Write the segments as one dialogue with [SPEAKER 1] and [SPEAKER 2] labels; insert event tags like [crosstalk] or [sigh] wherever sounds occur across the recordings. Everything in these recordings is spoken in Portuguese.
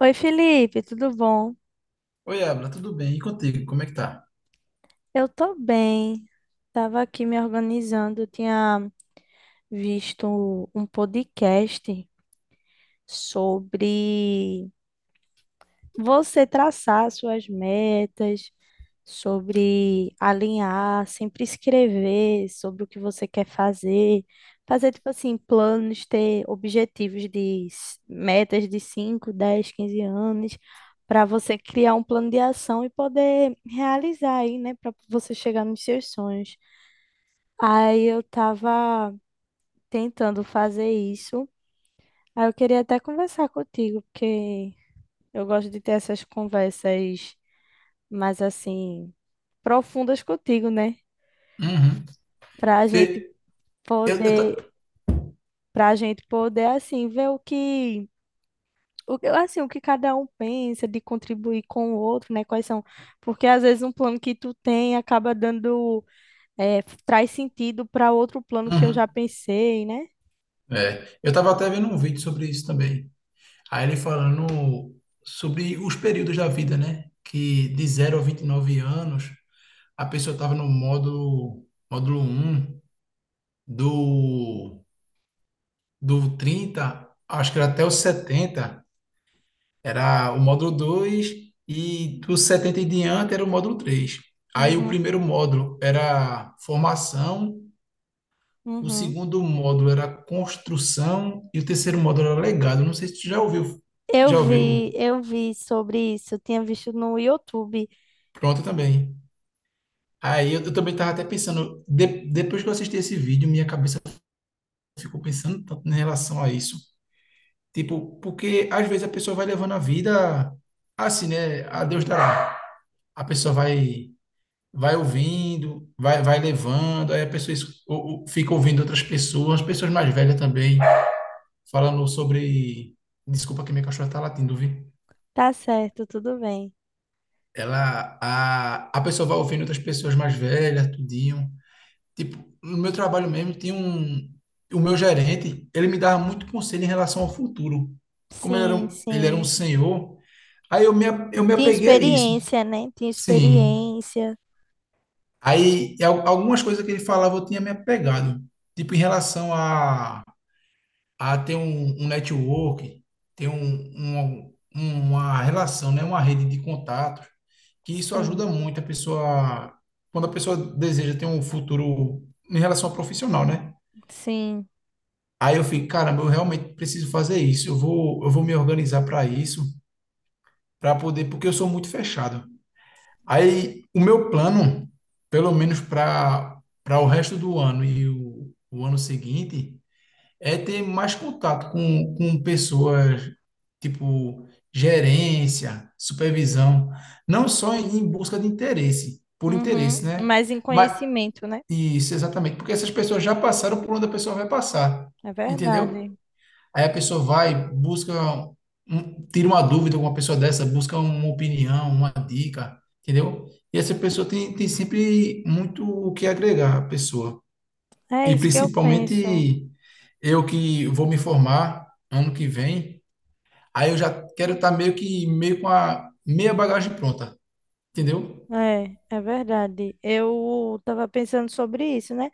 [SPEAKER 1] Oi, Felipe, tudo bom?
[SPEAKER 2] Oi, Abra, tudo bem? E contigo, como é que tá?
[SPEAKER 1] Eu tô bem. Tava aqui me organizando, eu tinha visto um podcast sobre você traçar suas metas, sobre alinhar, sempre escrever sobre o que você quer fazer, fazer tipo assim, planos, ter objetivos de metas de 5, 10, 15 anos, para você criar um plano de ação e poder realizar aí, né, para você chegar nos seus sonhos. Aí eu tava tentando fazer isso. Aí eu queria até conversar contigo, porque eu gosto de ter essas conversas mais assim profundas contigo, né?
[SPEAKER 2] Uhum.
[SPEAKER 1] Pra gente
[SPEAKER 2] Vê, eu, eu,
[SPEAKER 1] poder
[SPEAKER 2] ta-
[SPEAKER 1] para a gente poder assim ver o que assim o que cada um pensa de contribuir com o outro, né? Quais são? Porque às vezes um plano que tu tem acaba dando é, traz sentido para outro plano que eu
[SPEAKER 2] Uhum.
[SPEAKER 1] já pensei, né?
[SPEAKER 2] É, eu tava até vendo um vídeo sobre isso também. Aí ele falando sobre os períodos da vida, né? Que de 0 a 29 anos, a pessoa tava no módulo um do, do 30, acho que era até os 70, era o módulo 2 e dos 70 em diante era o módulo 3. Aí o
[SPEAKER 1] Uhum,
[SPEAKER 2] primeiro módulo era formação. O
[SPEAKER 1] uhum.
[SPEAKER 2] segundo módulo era construção e o terceiro módulo era legado. Não sei se tu já ouviu.
[SPEAKER 1] Eu
[SPEAKER 2] Já
[SPEAKER 1] vi,
[SPEAKER 2] ouviu?
[SPEAKER 1] eu vi sobre isso, tinha visto no YouTube.
[SPEAKER 2] Pronto também. Aí eu também estava até pensando, depois que eu assisti esse vídeo, minha cabeça ficou pensando tanto em relação a isso. Tipo, porque às vezes a pessoa vai levando a vida assim, né? A Deus dará. A pessoa vai ouvindo, vai levando, aí a pessoa es- ou fica ouvindo outras pessoas, pessoas mais velhas também, falando sobre. Desculpa que minha cachorra tá latindo, viu?
[SPEAKER 1] Tá certo, tudo bem.
[SPEAKER 2] A pessoa vai ouvindo outras pessoas mais velhas, tudinho. Tipo, no meu trabalho mesmo, tinha um o meu gerente, ele me dava muito conselho em relação ao futuro. Como ele era
[SPEAKER 1] Sim,
[SPEAKER 2] um, ele era um
[SPEAKER 1] sim.
[SPEAKER 2] senhor, aí eu me
[SPEAKER 1] Tinha
[SPEAKER 2] apeguei a isso.
[SPEAKER 1] experiência, né? Tinha
[SPEAKER 2] Sim.
[SPEAKER 1] experiência.
[SPEAKER 2] Aí algumas coisas que ele falava eu tinha me apegado, tipo em relação a ter um network, ter um- uma relação, né? Uma rede de contatos, que isso ajuda
[SPEAKER 1] Sim,
[SPEAKER 2] muito a pessoa, quando a pessoa deseja ter um futuro em relação ao profissional, né?
[SPEAKER 1] sim.
[SPEAKER 2] Aí eu fico, caramba, eu realmente preciso fazer isso, eu vou me organizar para isso, para poder, porque eu sou muito fechado. Aí o meu plano, pelo menos para o resto do ano e o ano seguinte, é ter mais contato com pessoas, tipo gerência, supervisão, não só em busca de interesse, por
[SPEAKER 1] Uhum.
[SPEAKER 2] interesse, né?
[SPEAKER 1] Mas em
[SPEAKER 2] Mas
[SPEAKER 1] conhecimento, né?
[SPEAKER 2] isso, exatamente, porque essas pessoas já passaram por onde a pessoa vai passar,
[SPEAKER 1] É verdade.
[SPEAKER 2] entendeu? Aí a pessoa vai, busca, tira uma dúvida com uma pessoa dessa, busca uma opinião, uma dica, entendeu? E essa pessoa tem sempre muito o que agregar à pessoa.
[SPEAKER 1] É
[SPEAKER 2] E
[SPEAKER 1] isso que eu penso.
[SPEAKER 2] principalmente eu que vou me formar ano que vem, aí eu já quero estar meio que meio com a meia bagagem pronta, entendeu?
[SPEAKER 1] É, é verdade. Eu tava pensando sobre isso, né?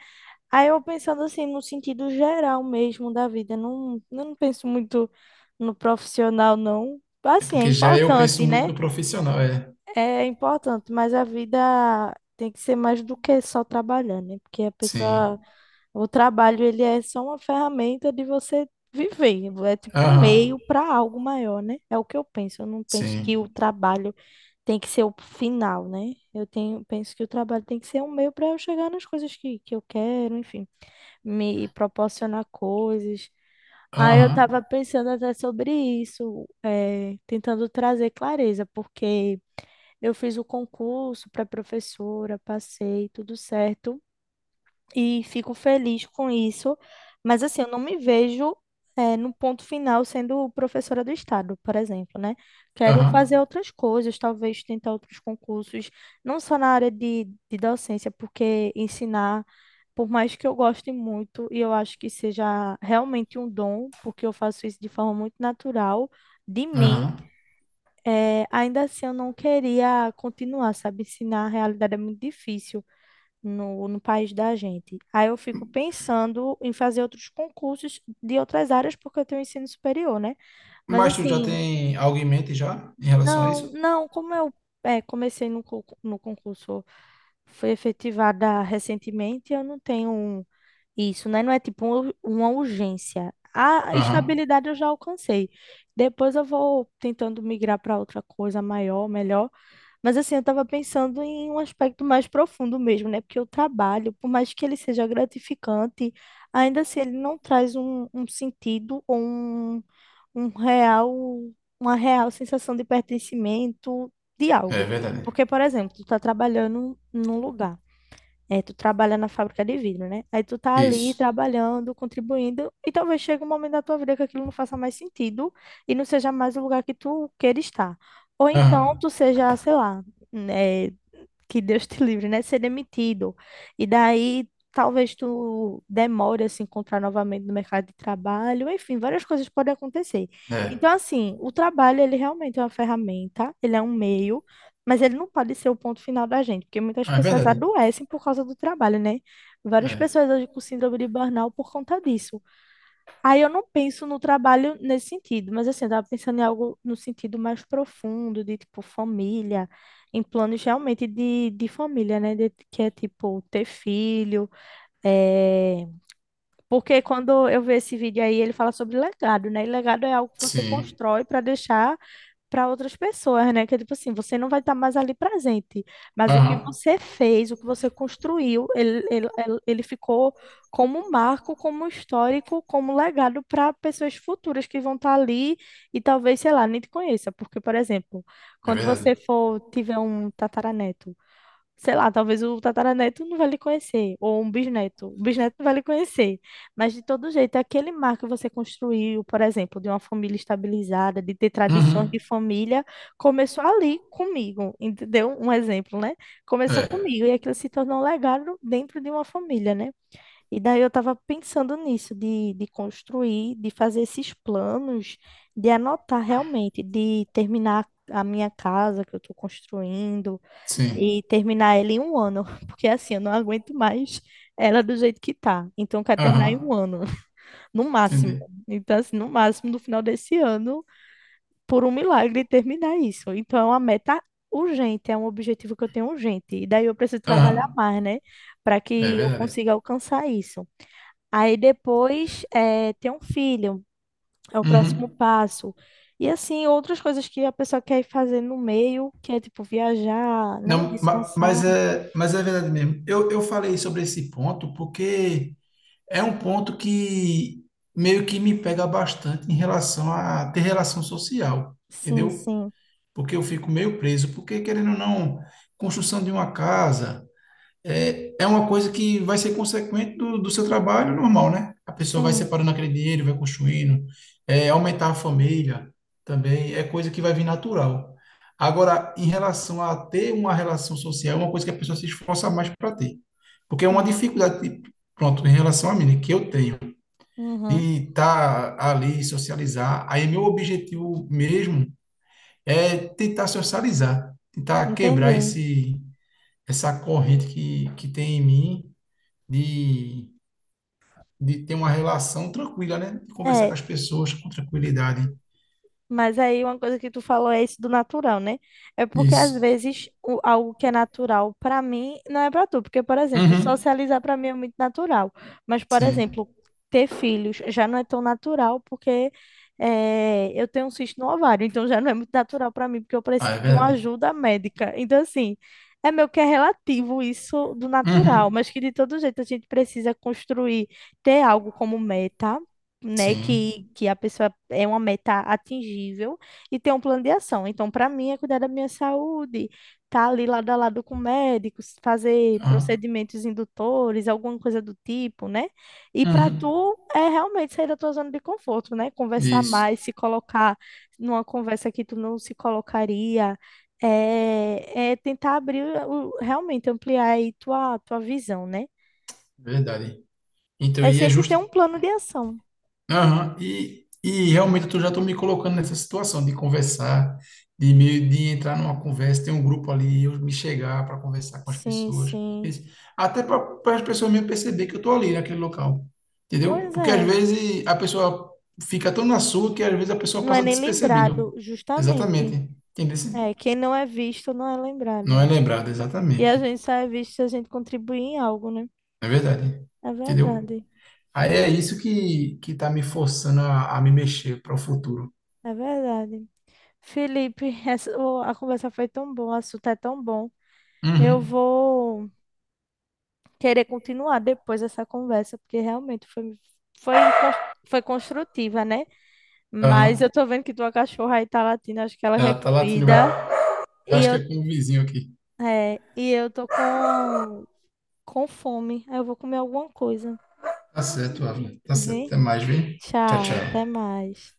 [SPEAKER 1] Aí eu pensando assim, no sentido geral mesmo da vida. Não, eu não penso muito no profissional, não.
[SPEAKER 2] É
[SPEAKER 1] Assim, é
[SPEAKER 2] porque já eu penso
[SPEAKER 1] importante,
[SPEAKER 2] muito
[SPEAKER 1] né?
[SPEAKER 2] no profissional, é.
[SPEAKER 1] É importante, mas a vida tem que ser mais do que só trabalhar, né? Porque a
[SPEAKER 2] Sim.
[SPEAKER 1] pessoa. O trabalho, ele é só uma ferramenta de você viver, é tipo um
[SPEAKER 2] Aham.
[SPEAKER 1] meio para algo maior, né? É o que eu penso. Eu não penso que
[SPEAKER 2] Sim.
[SPEAKER 1] o trabalho tem que ser o final, né? Eu tenho, penso que o trabalho tem que ser um meio para eu chegar nas coisas que eu quero, enfim, me proporcionar coisas. Aí eu
[SPEAKER 2] Aham.
[SPEAKER 1] estava pensando até sobre isso, tentando trazer clareza, porque eu fiz o concurso para professora, passei, tudo certo e fico feliz com isso, mas assim, eu não me vejo no ponto final sendo professora do estado, por exemplo, né? Quero
[SPEAKER 2] Aham.
[SPEAKER 1] fazer outras coisas, talvez tentar outros concursos, não só na área de docência, porque ensinar, por mais que eu goste muito e eu acho que seja realmente um dom, porque eu faço isso de forma muito natural, de mim.
[SPEAKER 2] Aham.
[SPEAKER 1] Ainda assim, eu não queria continuar, sabe? Ensinar a realidade é muito difícil no país da gente. Aí eu fico pensando em fazer outros concursos de outras áreas, porque eu tenho ensino superior, né? Mas
[SPEAKER 2] Mas tu já
[SPEAKER 1] assim,
[SPEAKER 2] tem algo em mente já em relação a
[SPEAKER 1] não,
[SPEAKER 2] isso?
[SPEAKER 1] não, comecei no concurso, foi efetivada recentemente, eu não tenho isso, né? Não é tipo uma urgência. A
[SPEAKER 2] Aham.
[SPEAKER 1] estabilidade eu já alcancei. Depois eu vou tentando migrar para outra coisa maior, melhor. Mas assim, eu tava pensando em um aspecto mais profundo mesmo, né? Porque o trabalho, por mais que ele seja gratificante, ainda assim ele não traz um sentido ou um real, uma real sensação de pertencimento de
[SPEAKER 2] É
[SPEAKER 1] algo.
[SPEAKER 2] verdade.
[SPEAKER 1] Porque, por exemplo, tu tá trabalhando num lugar. É, tu trabalha na fábrica de vidro, né? Aí tu tá ali
[SPEAKER 2] Isso.
[SPEAKER 1] trabalhando, contribuindo, e talvez chegue um momento da tua vida que aquilo não faça mais sentido e não seja mais o lugar que tu queira estar. Ou então
[SPEAKER 2] Aham.
[SPEAKER 1] tu seja, sei lá, né, que Deus te livre, né? Ser demitido. E daí talvez tu demore a se encontrar novamente no mercado de trabalho, enfim, várias coisas podem acontecer. Então,
[SPEAKER 2] É.
[SPEAKER 1] assim, o trabalho, ele realmente é uma ferramenta, ele é um meio, mas ele não pode ser o ponto final da gente, porque muitas
[SPEAKER 2] É
[SPEAKER 1] pessoas
[SPEAKER 2] verdade.
[SPEAKER 1] adoecem por causa do trabalho, né? Várias
[SPEAKER 2] É.
[SPEAKER 1] pessoas hoje com síndrome de burnout por conta disso. Aí eu não penso no trabalho nesse sentido, mas assim, eu tava pensando em algo no sentido mais profundo, de tipo família, em planos realmente de família, né? Que é tipo ter filho. é, Porque quando eu vejo esse vídeo aí, ele fala sobre legado, né? E legado é algo que você
[SPEAKER 2] Sim.
[SPEAKER 1] constrói para deixar para outras pessoas, né? Que é tipo assim, você não vai estar mais ali presente, mas o que
[SPEAKER 2] Aham.
[SPEAKER 1] você fez, o que você construiu, ele ficou como um marco, como um histórico, como um legado para pessoas futuras que vão estar ali e talvez, sei lá, nem te conheça, porque, por exemplo,
[SPEAKER 2] É
[SPEAKER 1] quando
[SPEAKER 2] verdade.
[SPEAKER 1] você for tiver um tataraneto sei lá, talvez o tataraneto não vai lhe conhecer, ou um bisneto, o bisneto não vai lhe conhecer, mas de todo jeito, aquele mar que você construiu, por exemplo, de uma família estabilizada, de ter tradições de
[SPEAKER 2] Uhum.
[SPEAKER 1] família, começou ali comigo, entendeu? Um exemplo, né? Começou
[SPEAKER 2] É.
[SPEAKER 1] comigo, e aquilo se tornou um legado dentro de uma família, né? E daí eu estava pensando nisso, de construir, de fazer esses planos, de anotar realmente, de terminar a minha casa que eu estou construindo,
[SPEAKER 2] Sim.
[SPEAKER 1] e terminar ela em um ano, [laughs] porque assim, eu não aguento mais ela do jeito que tá. Então, eu quero terminar em
[SPEAKER 2] Aham,
[SPEAKER 1] um ano, [laughs] no máximo.
[SPEAKER 2] entendi.
[SPEAKER 1] Então, assim, no máximo, no final desse ano, por um milagre, terminar isso. Então, é uma meta urgente, é um objetivo que eu tenho urgente. E daí eu preciso
[SPEAKER 2] Aham,
[SPEAKER 1] trabalhar mais, né, para
[SPEAKER 2] é
[SPEAKER 1] que eu
[SPEAKER 2] verdade.
[SPEAKER 1] consiga alcançar isso. Aí depois, é, ter um filho, é o próximo
[SPEAKER 2] Uhum.
[SPEAKER 1] passo. E assim, outras coisas que a pessoa quer ir fazer no meio, que é tipo viajar, né,
[SPEAKER 2] Não, ma-
[SPEAKER 1] descansar.
[SPEAKER 2] mas é, mas é verdade mesmo. Eu falei sobre esse ponto porque é um ponto que meio que me pega bastante em relação a ter relação social,
[SPEAKER 1] Sim,
[SPEAKER 2] entendeu?
[SPEAKER 1] sim.
[SPEAKER 2] Porque eu fico meio preso, porque querendo ou não, construção de uma casa. É uma coisa que vai ser consequente do seu trabalho normal, né? A pessoa vai
[SPEAKER 1] Sim,
[SPEAKER 2] separando aquele dinheiro, vai construindo, é, aumentar a família também, é coisa que vai vir natural. Agora, em relação a ter uma relação social, é uma coisa que a pessoa se esforça mais para ter. Porque é uma
[SPEAKER 1] é.
[SPEAKER 2] dificuldade, tipo, pronto, em relação a mim, né, que eu tenho,
[SPEAKER 1] Uhum,
[SPEAKER 2] de estar ali, socializar. Aí, meu objetivo mesmo é tentar socializar, tentar quebrar
[SPEAKER 1] entendi.
[SPEAKER 2] essa corrente que tem em mim de, de ter uma relação tranquila, né? De conversar com
[SPEAKER 1] É,
[SPEAKER 2] as pessoas com tranquilidade.
[SPEAKER 1] mas aí uma coisa que tu falou é isso do natural, né? É porque às
[SPEAKER 2] Isso.
[SPEAKER 1] vezes algo que é natural pra mim não é pra tu, porque por exemplo,
[SPEAKER 2] Uhum.
[SPEAKER 1] socializar pra mim é muito natural, mas por
[SPEAKER 2] Sim.
[SPEAKER 1] exemplo, ter filhos já não é tão natural porque eu tenho um cisto no ovário, então já não é muito natural pra mim porque eu
[SPEAKER 2] Ah, é
[SPEAKER 1] preciso de uma
[SPEAKER 2] verdade.
[SPEAKER 1] ajuda médica. Então assim, é meio que é relativo isso do natural,
[SPEAKER 2] Uhum.
[SPEAKER 1] mas que de todo jeito a gente precisa construir, ter algo como meta né,
[SPEAKER 2] Sim.
[SPEAKER 1] que a pessoa é uma meta atingível e tem um plano de ação. Então, para mim, é cuidar da minha saúde, tá ali lado a lado com médicos, fazer
[SPEAKER 2] Aham.
[SPEAKER 1] procedimentos indutores, alguma coisa do tipo, né? E para
[SPEAKER 2] Uhum.
[SPEAKER 1] tu é realmente sair da tua zona de conforto, né? Conversar
[SPEAKER 2] Isso.
[SPEAKER 1] mais, se colocar numa conversa que tu não se colocaria. É, é tentar abrir, realmente ampliar aí tua visão, né?
[SPEAKER 2] Verdade. Então,
[SPEAKER 1] É
[SPEAKER 2] e é
[SPEAKER 1] sempre ter
[SPEAKER 2] justo.
[SPEAKER 1] um plano de ação.
[SPEAKER 2] Aham. E realmente eu já estou me colocando nessa situação de conversar, de meio de entrar numa conversa, tem um grupo ali, eu me chegar para conversar com as
[SPEAKER 1] Sim,
[SPEAKER 2] pessoas.
[SPEAKER 1] sim.
[SPEAKER 2] Esse- Até para as pessoas mesmo perceber que eu estou ali naquele local, entendeu?
[SPEAKER 1] Pois
[SPEAKER 2] Porque às
[SPEAKER 1] é,
[SPEAKER 2] vezes a pessoa fica tão na sua que às vezes a pessoa
[SPEAKER 1] não é
[SPEAKER 2] passa
[SPEAKER 1] nem
[SPEAKER 2] despercebido.
[SPEAKER 1] lembrado, justamente.
[SPEAKER 2] Exatamente, entendeu?
[SPEAKER 1] É, quem não é visto não é
[SPEAKER 2] Não é
[SPEAKER 1] lembrado.
[SPEAKER 2] lembrado,
[SPEAKER 1] E a
[SPEAKER 2] exatamente,
[SPEAKER 1] gente só é visto se a gente contribuir em algo, né?
[SPEAKER 2] é verdade,
[SPEAKER 1] É
[SPEAKER 2] entendeu?
[SPEAKER 1] verdade,
[SPEAKER 2] Aí é isso que está me forçando a me mexer para o futuro.
[SPEAKER 1] é verdade. Felipe, [laughs] a conversa foi tão boa, o assunto é tão bom. Eu
[SPEAKER 2] Uhum.
[SPEAKER 1] vou querer continuar depois essa conversa, porque realmente foi, cons- foi construtiva, né? Mas
[SPEAKER 2] Aham.
[SPEAKER 1] eu tô vendo que tua cachorra aí tá latindo, acho que ela
[SPEAKER 2] Ah,
[SPEAKER 1] quer
[SPEAKER 2] tá latindo.
[SPEAKER 1] comida.
[SPEAKER 2] Eu
[SPEAKER 1] E
[SPEAKER 2] acho que
[SPEAKER 1] eu,
[SPEAKER 2] é com o vizinho aqui.
[SPEAKER 1] e eu tô com fome. Aí eu vou comer alguma coisa.
[SPEAKER 2] Tá certo, Avner. Tá certo.
[SPEAKER 1] Vem?
[SPEAKER 2] Até mais, viu? Tchau,
[SPEAKER 1] Tchau, até
[SPEAKER 2] tchau.
[SPEAKER 1] mais.